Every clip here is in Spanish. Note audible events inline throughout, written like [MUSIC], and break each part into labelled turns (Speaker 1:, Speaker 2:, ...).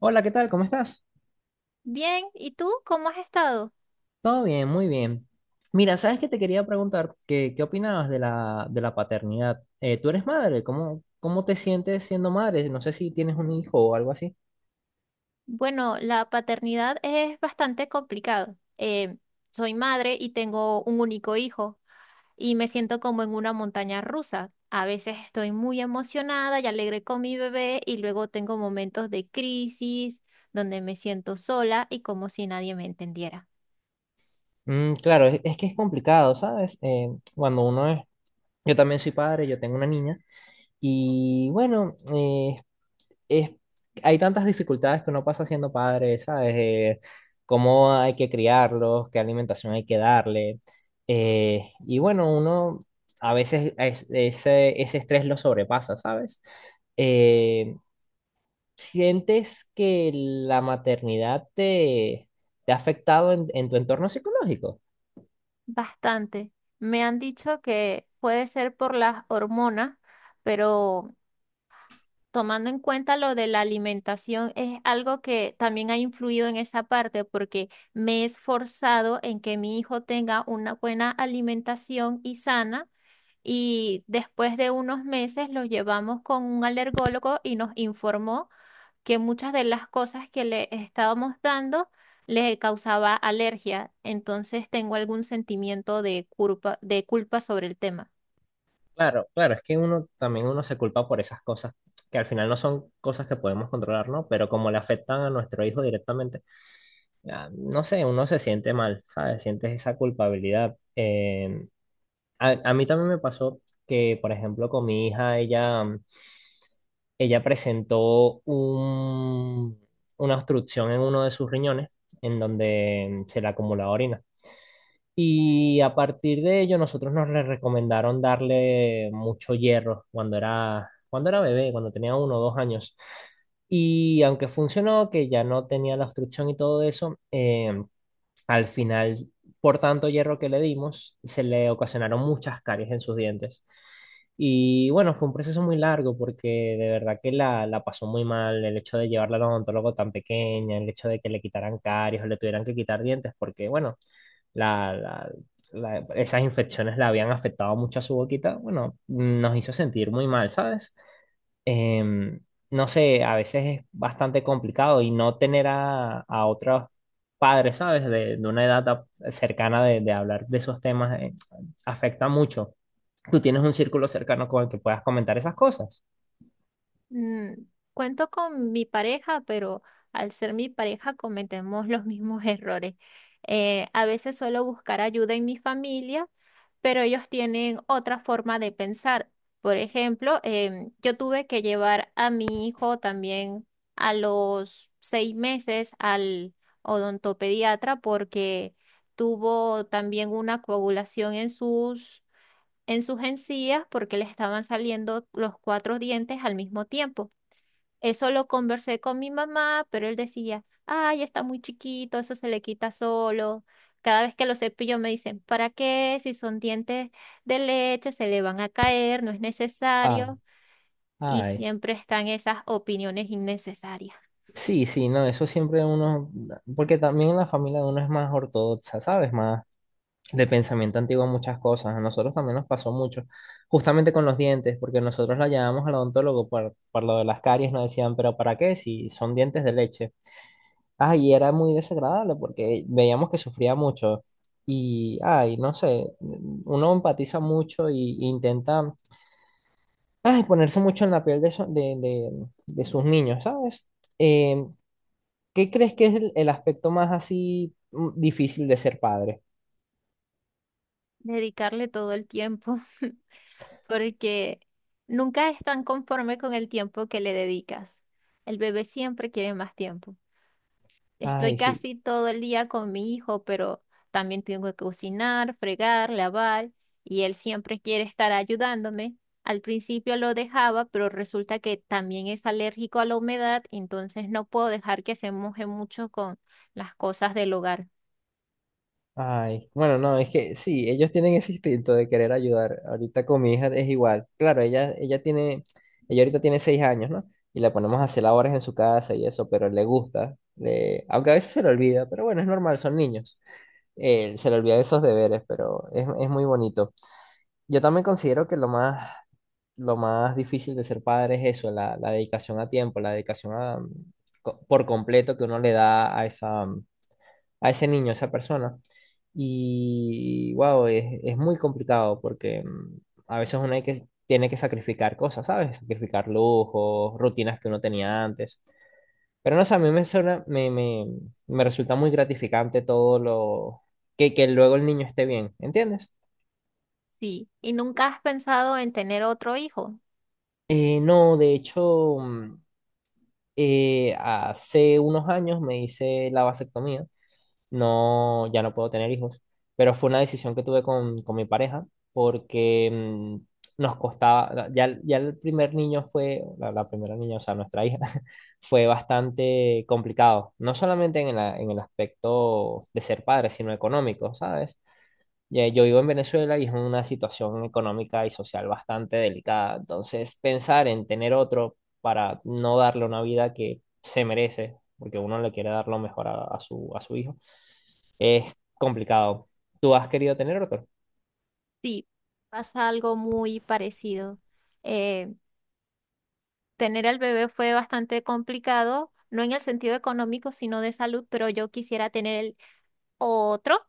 Speaker 1: Hola, ¿qué tal? ¿Cómo estás?
Speaker 2: Bien, ¿y tú cómo has estado?
Speaker 1: Todo bien, muy bien. Mira, ¿sabes que te quería preguntar? ¿Qué opinabas de la paternidad? Tú eres madre, ¿cómo te sientes siendo madre? No sé si tienes un hijo o algo así.
Speaker 2: Bueno, la paternidad es bastante complicado. Soy madre y tengo un único hijo y me siento como en una montaña rusa. A veces estoy muy emocionada y alegre con mi bebé y luego tengo momentos de crisis donde me siento sola y como si nadie me entendiera.
Speaker 1: Mm, claro, es que es complicado, ¿sabes? Cuando uno es. Yo también soy padre, yo tengo una niña. Y bueno, es, hay tantas dificultades que uno pasa siendo padre, ¿sabes? Cómo hay que criarlos, qué alimentación hay que darle. Y bueno, uno a veces ese estrés lo sobrepasa, ¿sabes? Eh, ¿Sientes que la maternidad te ha afectado en tu entorno psicológico?
Speaker 2: Bastante. Me han dicho que puede ser por las hormonas, pero... Tomando en cuenta lo de la alimentación, es algo que también ha influido en esa parte porque me he esforzado en que mi hijo tenga una buena alimentación y sana y después de unos meses lo llevamos con un alergólogo y nos informó que muchas de las cosas que le estábamos dando le causaba alergia. Entonces tengo algún sentimiento de culpa sobre el tema.
Speaker 1: Claro, claro, es que uno también uno se culpa por esas cosas que al final no son cosas que podemos controlar, ¿no? Pero como le afectan a nuestro hijo directamente. Ah, no sé, uno se siente mal, ¿sabes? Sientes esa culpabilidad. A mí también me pasó que, por ejemplo, con mi hija, ella presentó una obstrucción en uno de sus riñones, en donde se le acumulaba orina. Y a partir de ello, nosotros nos le recomendaron darle mucho hierro cuando era bebé, cuando tenía 1 o 2 años. Y aunque funcionó, que ya no tenía la obstrucción y todo eso, al final, por tanto hierro que le dimos, se le ocasionaron muchas caries en sus dientes. Y bueno, fue un proceso muy largo porque de verdad que la pasó muy mal el hecho de llevarla al odontólogo tan pequeña, el hecho de que le quitaran caries o le tuvieran que quitar dientes, porque bueno, la, la- esas infecciones la habían afectado mucho a su boquita. Bueno, nos hizo sentir muy mal, ¿sabes? em, no sé, a veces es bastante complicado y no tener a otros padres, ¿sabes? De una edad cercana de hablar de esos temas, afecta mucho. ¿Tú tienes un círculo cercano con el que puedas comentar esas cosas?
Speaker 2: Mm, cuento con mi pareja, pero al ser mi pareja cometemos [LAUGHS] los mismos errores. A veces suelo buscar ayuda en mi familia, pero ellos tienen otra forma de pensar. Por ejemplo, yo tuve que llevar a mi hijo también a los seis meses al odontopediatra porque tuvo también una coagulación en sus encías porque le estaban saliendo los cuatro dientes al mismo tiempo. Eso lo conversé con mi mamá, pero él decía, ay, está muy chiquito, eso se le quita solo. Cada vez que lo cepillo me dicen, ¿para qué? Si son dientes de leche, se le van a caer, no es
Speaker 1: Ah,
Speaker 2: necesario. Y
Speaker 1: ay.
Speaker 2: siempre están esas opiniones innecesarias.
Speaker 1: Sí, sí, no, eso siempre uno, porque también la familia de uno es más ortodoxa, ¿sabes? Más de pensamiento antiguo en muchas cosas. A nosotros también nos pasó mucho, justamente con los dientes, porque nosotros la llamamos al odontólogo por lo de las caries, nos decían, pero ¿para qué? Si son dientes de leche. Ay, y era muy desagradable porque veíamos que sufría mucho. Y, ay, no sé, uno empatiza mucho y intenta, ay, ponerse mucho en la piel de, eso- de sus niños, ¿sabes? Eh, ¿Qué crees que es el aspecto más así difícil de ser padre?
Speaker 2: Dedicarle todo el tiempo, [LAUGHS] porque nunca están tan conforme con el tiempo que le dedicas. El bebé siempre quiere más tiempo. Estoy
Speaker 1: Ay, sí.
Speaker 2: casi todo el día con mi hijo, pero también tengo que cocinar, fregar, lavar, y él siempre quiere estar ayudándome. Al principio lo dejaba, pero resulta que también es alérgico a la humedad, entonces no puedo dejar que se moje mucho con las cosas del hogar.
Speaker 1: Ay, bueno, no, es que sí, ellos tienen ese instinto de querer ayudar. Ahorita con mi hija es igual. Claro, ella ahorita tiene 6 años, ¿no? Y la ponemos a hacer labores en su casa y eso, pero le gusta. Aunque a veces se le olvida, pero bueno, es normal, son niños. Se le olvida esos deberes, pero es muy bonito. Yo también considero que lo más difícil de ser padre es eso, la dedicación a tiempo, la dedicación por completo que uno le da a ese niño, a esa persona. Y wow, es muy complicado porque a veces uno tiene que sacrificar cosas, ¿sabes? Sacrificar lujos, rutinas que uno tenía antes. Pero no sé, a mí me resulta muy gratificante todo lo que luego el niño esté bien, ¿entiendes?
Speaker 2: Sí, ¿y nunca has pensado en tener otro hijo?
Speaker 1: No, de hecho, hace unos años me hice la vasectomía. No, ya no puedo tener hijos, pero fue una decisión que tuve con mi pareja porque nos costaba, ya el primer niño fue, la primera niña, o sea, nuestra hija, [LAUGHS] fue bastante complicado, no solamente en el aspecto de ser padre, sino económico, ¿sabes? Ya, yo vivo en Venezuela y es una situación económica y social bastante delicada. Entonces, pensar en tener otro para no darle una vida que se merece, porque uno le quiere dar lo mejor a su hijo, es complicado. ¿Tú has querido tener otro?
Speaker 2: Sí, pasa algo muy parecido. Eh, Tener al bebé fue bastante complicado, no en el sentido económico, sino de salud, pero yo quisiera tener el otro,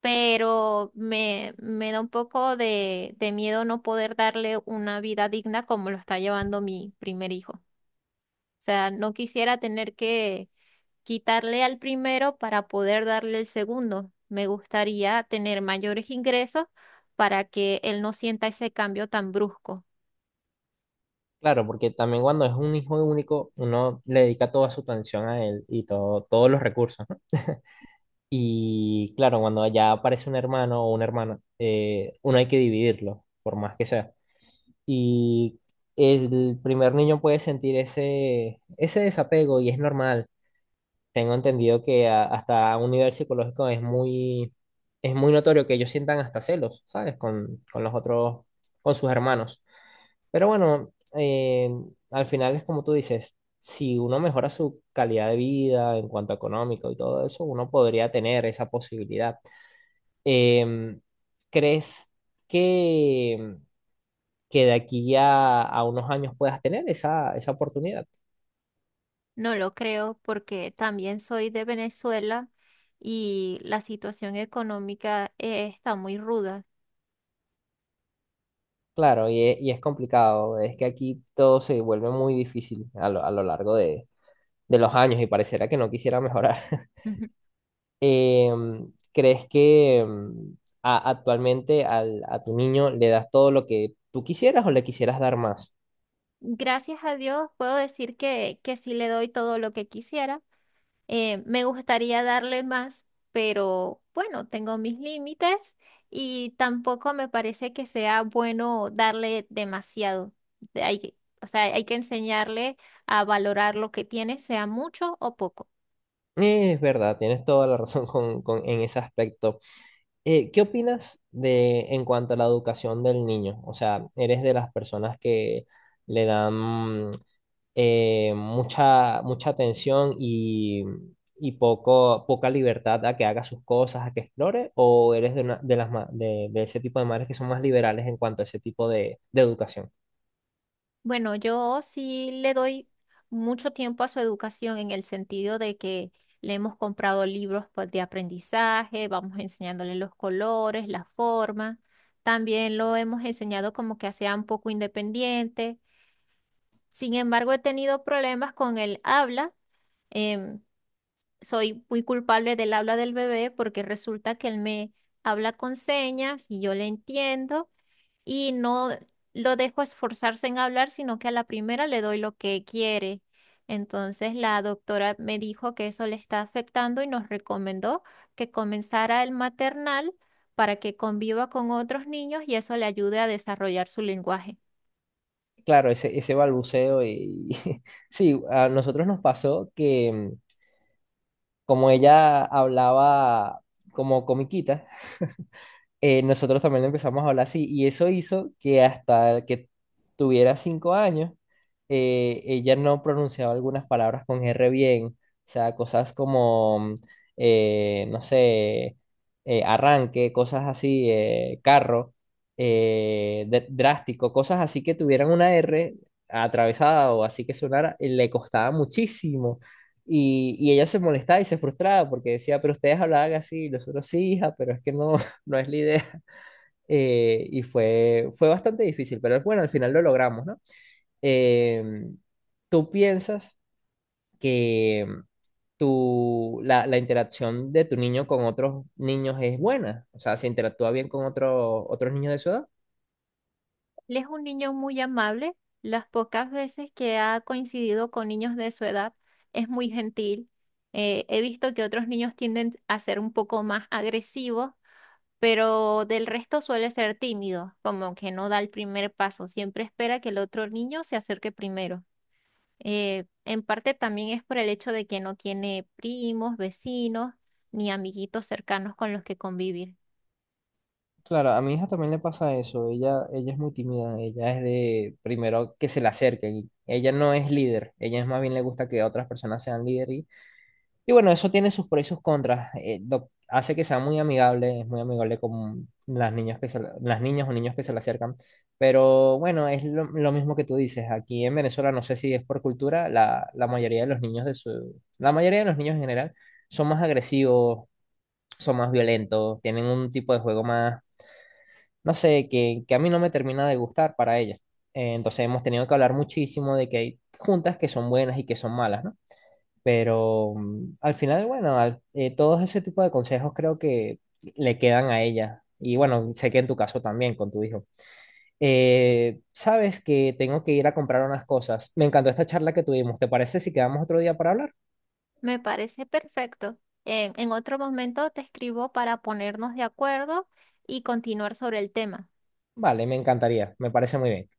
Speaker 2: pero me da un poco de miedo no poder darle una vida digna como lo está llevando mi primer hijo. O sea, no quisiera tener que quitarle al primero para poder darle el segundo. Me gustaría tener mayores ingresos para que él no sienta ese cambio tan brusco.
Speaker 1: Claro, porque también cuando es un hijo único, uno le dedica toda su atención a él y todo, todos los recursos, ¿no? Y claro, cuando ya aparece un hermano o una hermana, uno hay que dividirlo, por más que sea. Y el primer niño puede sentir ese desapego y es normal. Tengo entendido que hasta a un nivel psicológico es muy notorio que ellos sientan hasta celos, ¿sabes? Con los otros, con sus hermanos. Pero bueno, al final es como tú dices, si uno mejora su calidad de vida en cuanto a económico y todo eso, uno podría tener esa posibilidad. Em, ¿Crees que de aquí ya a unos años puedas tener esa oportunidad?
Speaker 2: No lo creo porque también soy de Venezuela y la situación económica está muy ruda.
Speaker 1: Claro, y es complicado, es que aquí todo se vuelve muy difícil a lo largo de los años y pareciera que no quisiera mejorar. [LAUGHS]
Speaker 2: [LAUGHS]
Speaker 1: ¿Crees que actualmente a tu niño le das todo lo que tú quisieras o le quisieras dar más?
Speaker 2: Gracias a Dios puedo decir que sí le doy todo lo que quisiera. Me gustaría darle más, pero bueno, tengo mis límites y tampoco me parece que sea bueno darle demasiado. De- Hay, que- o sea, hay que enseñarle a valorar lo que tiene, sea mucho o poco.
Speaker 1: Es verdad, tienes toda la razón en ese aspecto. ¿Qué opinas de en cuanto a la educación del niño? O sea, ¿eres de las personas que le dan mucha tensión y poca libertad a que haga sus cosas, a que explore, o eres de, una- de, las, ma- de ese tipo de madres que son más liberales en cuanto a ese tipo de educación?
Speaker 2: Bueno, yo sí le doy mucho tiempo a su educación en el sentido de que le hemos comprado libros pues, de aprendizaje, vamos enseñándole los colores, la forma. También lo hemos enseñado como que sea un poco independiente. Sin embargo, he tenido problemas con el habla. Em, Soy muy culpable del habla del bebé porque resulta que él me habla con señas y yo le entiendo y no lo dejo esforzarse en hablar, sino que a la primera le doy lo que quiere. Entonces la doctora me dijo que eso le está afectando y nos recomendó que comenzara el maternal para que conviva con otros niños y eso le ayude a desarrollar su lenguaje.
Speaker 1: Claro, ese balbuceo y [LAUGHS] sí, a nosotros nos pasó que como ella hablaba como comiquita, nosotros también le empezamos a hablar así y eso hizo que hasta que tuviera 5 años, ella no pronunciaba algunas palabras con R bien, o sea, cosas como, no sé, arranque, cosas así, carro, drástico, cosas así que tuvieran una R atravesada o así que sonara, le costaba muchísimo. Y ella se molestaba y se frustraba porque decía, pero ustedes hablaban así, y nosotros sí, hija, pero es que no, no es la idea. [LAUGHS] Y fue bastante difícil, pero bueno, al final lo logramos, ¿no? Eh, ¿Tú piensas que la interacción de tu niño con otros niños es buena? O sea, ¿se interactúa bien con otros niños de su edad?
Speaker 2: Él es un niño muy amable. Las pocas veces que ha coincidido con niños de su edad, es muy gentil. He visto que otros niños tienden a ser un poco más agresivos pero del resto suele ser tímido, como que no da el primer paso, siempre espera que el otro niño se acerque primero. En parte también es por el hecho de que no tiene primos, vecinos, ni amiguitos cercanos con los que convivir.
Speaker 1: Claro, a mi hija también le pasa eso. Ella es muy tímida. Ella es de primero que se le acerquen. Ella no es líder. Ella es más bien le gusta que otras personas sean líderes. Y bueno, eso tiene sus pros y sus contras. Hace que sea muy amigable, es muy amigable con las niñas o niños que se le acercan. Pero bueno, es lo mismo que tú dices. Aquí en Venezuela, no sé si es por cultura, la mayoría de los niños de su, la mayoría de los niños en general son más agresivos, son más violentos, tienen un tipo de juego más, no sé, que a mí no me termina de gustar para ellas. Entonces hemos tenido que hablar muchísimo de que hay juntas que son buenas y que son malas, ¿no? Pero al final, bueno, todos ese tipo de consejos creo que le quedan a ella. Y bueno, sé que en tu caso también, con tu hijo. Sabes que tengo que ir a comprar unas cosas. Me encantó esta charla que tuvimos. ¿Te parece si quedamos otro día para hablar?
Speaker 2: Me parece perfecto. En otro momento te escribo para ponernos de acuerdo y continuar sobre el tema.
Speaker 1: Vale, me encantaría. Me parece muy bien.